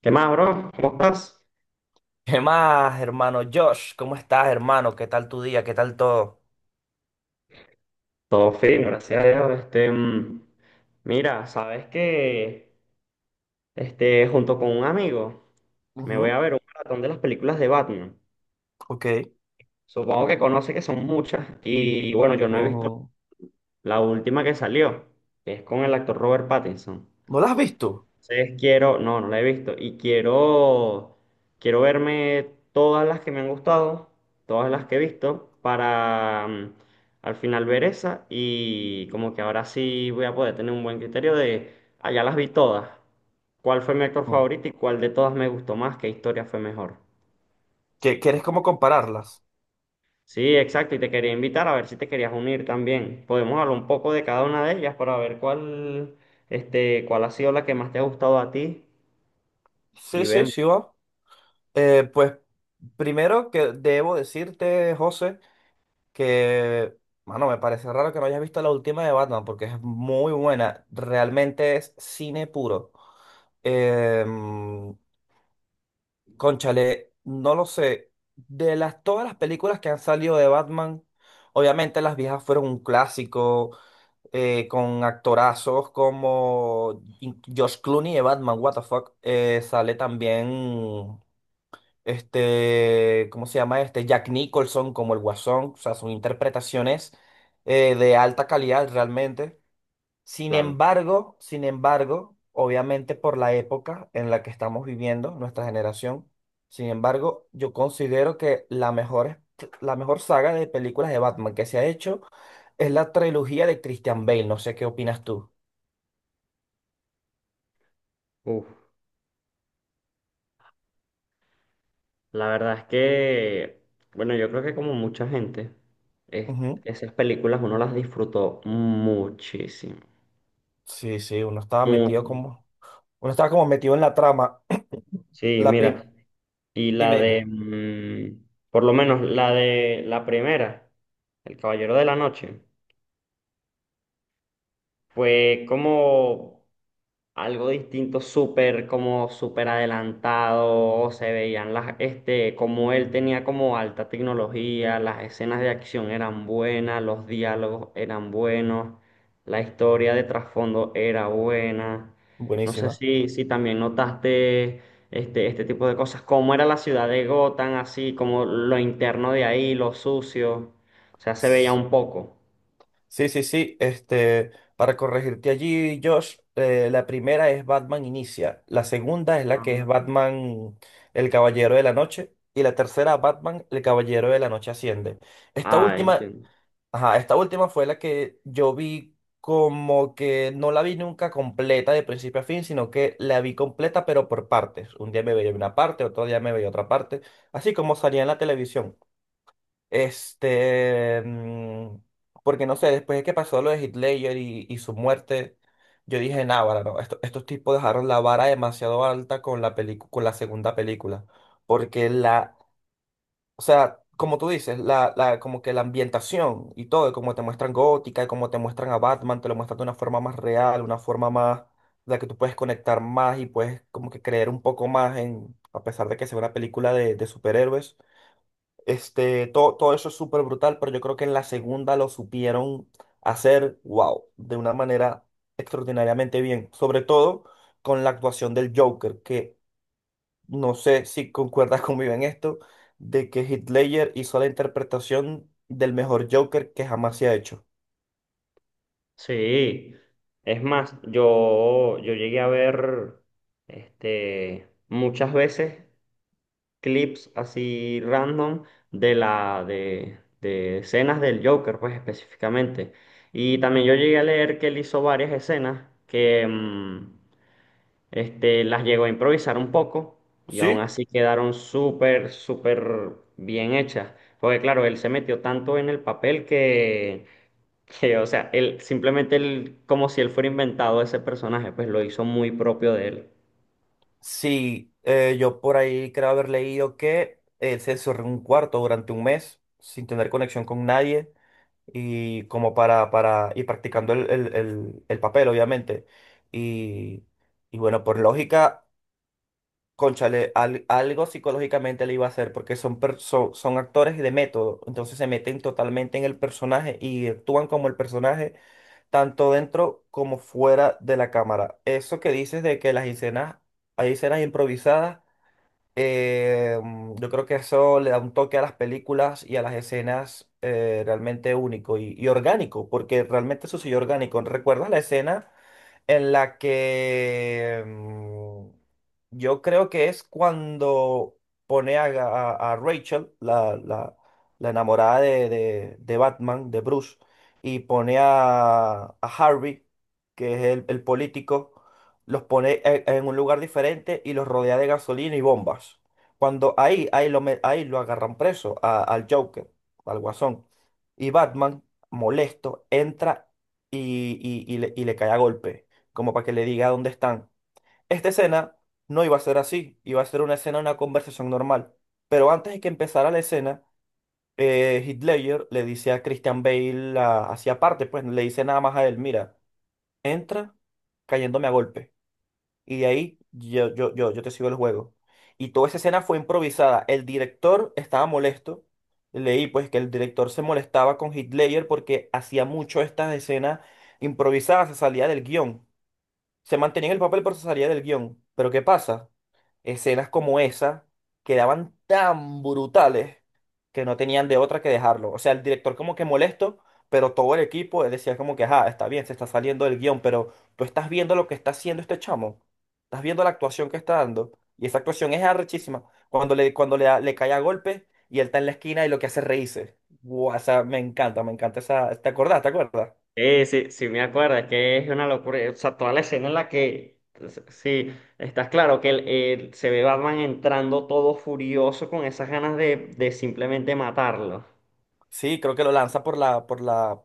¿Qué más, bro? ¿Cómo estás? ¿Qué más, hermano Josh? ¿Cómo estás, hermano? ¿Qué tal tu día? ¿Qué tal todo? Todo fino, gracias a Dios. Mira, sabes que junto con un amigo me voy a Ujú. ver un maratón de las películas de Batman. Ok. Supongo que conoce que son muchas y bueno, yo no he visto Ujú. la última que salió, que es con el actor Robert Pattinson. ¿No las has visto? Entonces quiero, no, no la he visto y quiero, quiero verme todas las que me han gustado, todas las que he visto para al final ver esa y como que ahora sí voy a poder tener un buen criterio de, ah, ya las vi todas, cuál fue mi actor Ujú. favorito y cuál de todas me gustó más, qué historia fue mejor. ¿Quieres como Parece. compararlas? Sí, exacto, y te quería invitar a ver si te querías unir también. Podemos hablar un poco de cada una de ellas para ver cuál, cuál ha sido la que más te ha gustado a ti Sí, y sí, vemos, sí, va. Pues primero que debo decirte, José, que, mano, me parece raro que no hayas visto la última de Batman porque es muy buena. Realmente es cine puro. Em, Conchale, no lo sé. Todas las películas que han salido de Batman, obviamente las viejas fueron un clásico, con actorazos como Josh Clooney de Batman, what the fuck. Sale también, ¿cómo se llama este? Jack Nicholson como el Guasón. O sea, son interpretaciones de alta calidad realmente. Sin claro. embargo, sin embargo, obviamente por la época en la que estamos viviendo, nuestra generación, sin embargo, yo considero que la mejor saga de películas de Batman que se ha hecho es la trilogía de Christian Bale. No sé qué opinas tú. Uf, la verdad es que, bueno, yo creo que como mucha gente, es- Ujú. esas películas uno las disfrutó muchísimo, Sí, sí, mucho. Uno estaba como metido en la trama. Sí, La prim- mira, y dime, dime. Por lo menos la de la primera, El Caballero de la Noche. Fue como algo distinto, súper, como súper adelantado, se veían las, como él tenía como alta tecnología, las escenas de acción eran buenas, los diálogos eran buenos, la historia de trasfondo era buena. No sé Buenísima. si, si también notaste este tipo de cosas, cómo era la ciudad de Gotham, así como lo interno de ahí, lo sucio, o sea, se veía un poco. Sí, sí, sí. Para corregirte allí, Josh, la primera es Batman Inicia, la segunda es la Ah, que es Batman el Caballero de la Noche y la tercera Batman el Caballero de la Noche Asciende. Esta ah, última, entiendo. ajá, esta última fue la que yo vi como que no la vi nunca completa de principio a fin, sino que la vi completa pero por partes. Un día me veía una parte, otro día me veía otra parte, así como salía en la televisión. Este, mm, porque no sé, después de que pasó lo de Heath Ledger y su muerte, yo dije, nah, vara, no, estos tipos dejaron la vara demasiado alta con la con la segunda película. Porque la, o sea, como tú dices, como que la ambientación y todo, y como te muestran Gótica, y como te muestran a Batman, te lo muestran de una forma más real, de la que tú puedes conectar más y puedes como que creer un poco más en, a pesar de que sea una película de superhéroes todo, todo eso es súper brutal, pero yo creo que en la segunda lo supieron hacer, wow, de una manera extraordinariamente bien. Sobre todo con la actuación del Joker, que no sé si concuerdas conmigo en esto, de que Heath Ledger hizo la interpretación del mejor Joker que jamás se ha hecho. Sí, es más, yo llegué a ver muchas veces clips así random de de escenas del Joker, pues específicamente. Y también yo Ujú. llegué a leer que él hizo varias escenas que las llegó a improvisar un poco y aún ¿Sí? así quedaron súper, súper bien hechas. Porque claro, él se metió tanto en el papel que, o sea, él simplemente él, como si él fuera inventado ese personaje, pues lo hizo muy propio de él. Sí, yo por ahí creo haber leído que él se encerró en un cuarto durante un mes sin tener conexión con nadie y como para, y practicando el papel, obviamente. Y, y bueno, por lógica, cónchale, algo psicológicamente le iba a hacer, porque son actores de método, entonces se meten totalmente en el personaje y actúan como el personaje, tanto dentro como fuera de la cámara. Eso que dices de que las escenas, hay escenas improvisadas yo creo que eso le da un toque a las películas y a las escenas realmente único y orgánico, porque realmente sucedió orgánico. ¿Recuerdas la escena en la que yo creo que es cuando pone a Rachel, la enamorada de Batman, de Bruce, y pone a Harvey, que es el político, los pone en un lugar diferente y los rodea de gasolina y bombas? Cuando ahí lo agarran preso al Joker, al Guasón. Y Batman, molesto, entra y le cae a golpe como para que le diga dónde están. Esta escena no iba a ser así, iba a ser una escena, una conversación normal. Pero antes de que empezara la escena, Heath Ledger le dice a Christian Bale, hacia aparte, pues le dice nada más a él, mira, entra cayéndome a golpe. Y de ahí yo te sigo el juego. Y toda esa escena fue improvisada. El director estaba molesto. Leí pues que el director se molestaba con Heath Ledger porque hacía mucho estas escenas improvisadas, se salía del guión. Se mantenía en el papel pero se salía del guión. Pero ¿qué pasa? Escenas como esa quedaban tan brutales que no tenían de otra que dejarlo. O sea, el director como que molesto, pero todo el equipo él decía como que, ajá, está bien, se está saliendo del guión, pero tú estás viendo lo que está haciendo este chamo. Estás viendo la actuación que está dando. Y esa actuación es arrechísima. Le cae a golpe y él está en la esquina y lo que hace es reírse. Guau, o sea, me encanta esa. ¿Te acordás? ¿Te acuerdas? Sí, sí, sí, me acuerdo, es que es una locura. O sea, toda la escena en la que, sí, estás claro que se ve Batman entrando todo furioso con esas ganas de simplemente matarlo. Sí, creo que lo lanza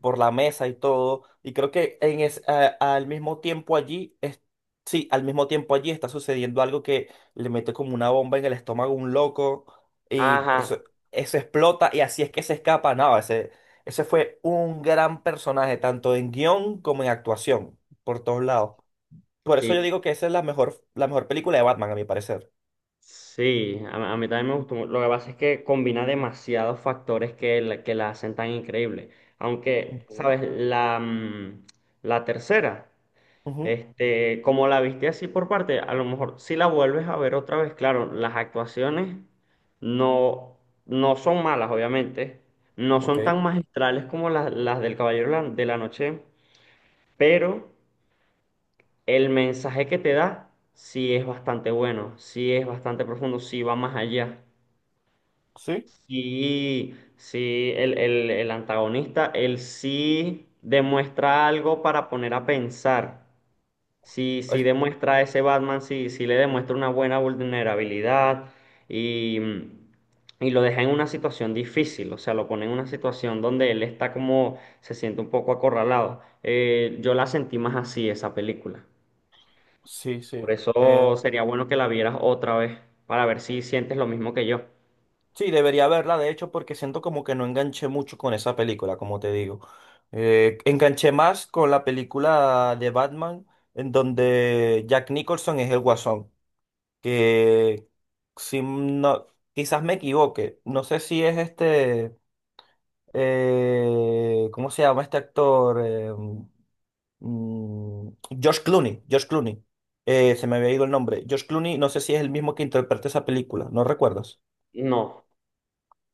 por la mesa y todo. Y creo que al mismo tiempo allí, sí, al mismo tiempo allí está sucediendo algo que le mete como una bomba en el estómago a un loco y eso, Ajá, eso explota y así es que se escapa. No, ese fue un gran personaje, tanto en guión como en actuación, por todos lados. Por eso yo sí, digo que esa es la mejor película de Batman, a mi parecer. sí, a mí también me gustó. Lo que pasa es que combina demasiados factores que que la hacen tan increíble. Aunque, Ujú. ¿sabes? La tercera. Ujú. Este, como la viste así por parte, a lo mejor si la vuelves a ver otra vez, claro, las actuaciones no, no son malas, obviamente, no Ok. son tan magistrales como las del de la Noche, pero el mensaje que te da sí es bastante bueno, sí es bastante profundo, sí va más allá. Sí. Sí, sí, el antagonista, él sí demuestra algo para poner a pensar. Sí, sí el- demuestra a ese Batman, sí, sí le demuestra una buena vulnerabilidad y, y lo deja en una situación difícil, o sea, lo pone en una situación donde él está como, se siente un poco acorralado. Yo la sentí más así, esa película. sí, sí. Por eh, eso sería bueno que la vieras otra vez, para ver si sientes lo mismo que yo. Sí, debería verla, de hecho, porque siento como que no enganché mucho con esa película, como te digo. Enganché más con la película de Batman, en donde Jack Nicholson es el Guasón, que si no, quizás me equivoque, no sé si es este, ¿cómo se llama este actor? Mm, George Clooney, George Clooney. Se me había ido el nombre. George Clooney, no sé si es el mismo que interpreta esa película, ¿no recuerdas? No,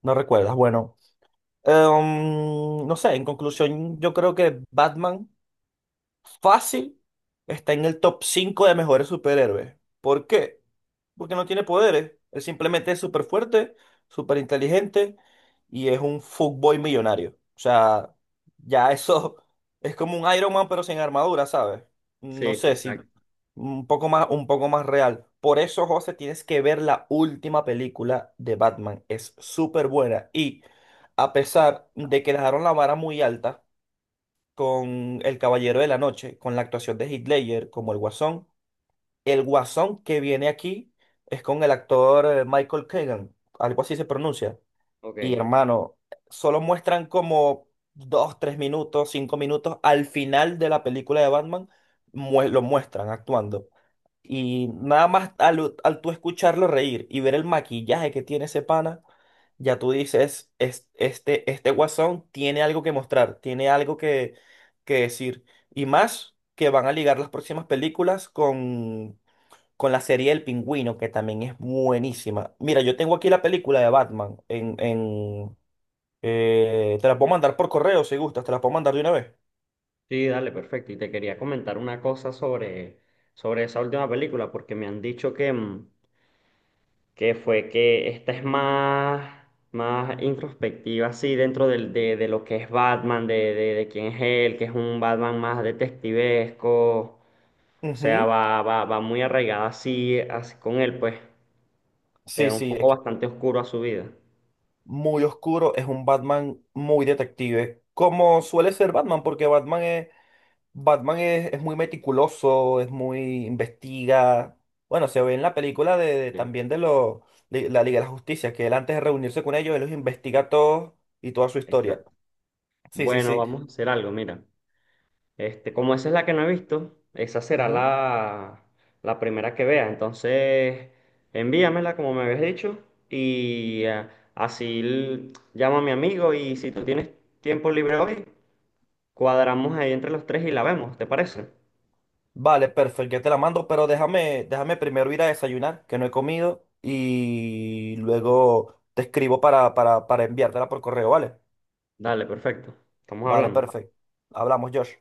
¿No recuerdas? Bueno. No sé, en conclusión, yo creo que Batman. Fácil está en el top 5 de mejores superhéroes. ¿Por qué? Porque no tiene poderes. Él simplemente es súper fuerte, súper inteligente y es un fuckboy millonario. O sea, ya eso es como un Iron Man pero sin armadura, ¿sabes? No sí, sí, sé, exacto. si un poco más, un poco más real. Por eso, José, tienes que ver la última película de Batman. Es súper buena y, a pesar de que dejaron la vara muy alta con El Caballero de la Noche, con la actuación de Heath Ledger como el Guasón, el Guasón que viene aquí es con el actor Michael Keegan, algo así se pronuncia. Y Ok. hermano, solo muestran como 2, 3 minutos, 5 minutos al final de la película de Batman, lo muestran actuando. Y nada más al tú escucharlo reír y ver el maquillaje que tiene ese pana, ya tú dices, "Este guasón tiene algo que mostrar, tiene algo que decir". Y más que van a ligar las próximas películas con la serie El Pingüino, que también es buenísima. Mira, yo tengo aquí la película de Batman. Te la puedo mandar por correo si gustas, te la puedo mandar de una vez. Sí, dale, perfecto. Y te quería comentar una cosa sobre, sobre esa última película, porque me han dicho que que fue que esta es más, más introspectiva, así, dentro de lo que es Batman, de quién es él, que es un Batman más detectivesco, o sea, Ujú. va, va, va muy arraigada así, así con él, pues, le Sí, da un sí, foco bastante oscuro a su vida. muy oscuro, es un Batman muy detective, como suele ser Batman, porque Batman es, Batman es muy meticuloso, es muy investiga. Bueno, se ve en la película Sí, también de la Liga de la Justicia, que él antes de reunirse con ellos, él los investiga a todos y toda su historia. exacto. Sí, sí, Bueno, sí. vamos a hacer algo, mira. Este, como esa es la que no he visto, esa será Ujú. la, la primera que vea. Entonces, envíamela como me habías dicho y así llamo a mi amigo y si tú tienes tiempo libre hoy, cuadramos ahí entre los tres y la vemos, ¿te parece? Vale, perfecto, ya te la mando, pero déjame primero ir a desayunar, que no he comido, y luego te escribo para, para enviártela por correo, ¿vale? Dale, perfecto. Estamos Vale, hablando. perfecto. Hablamos, Josh.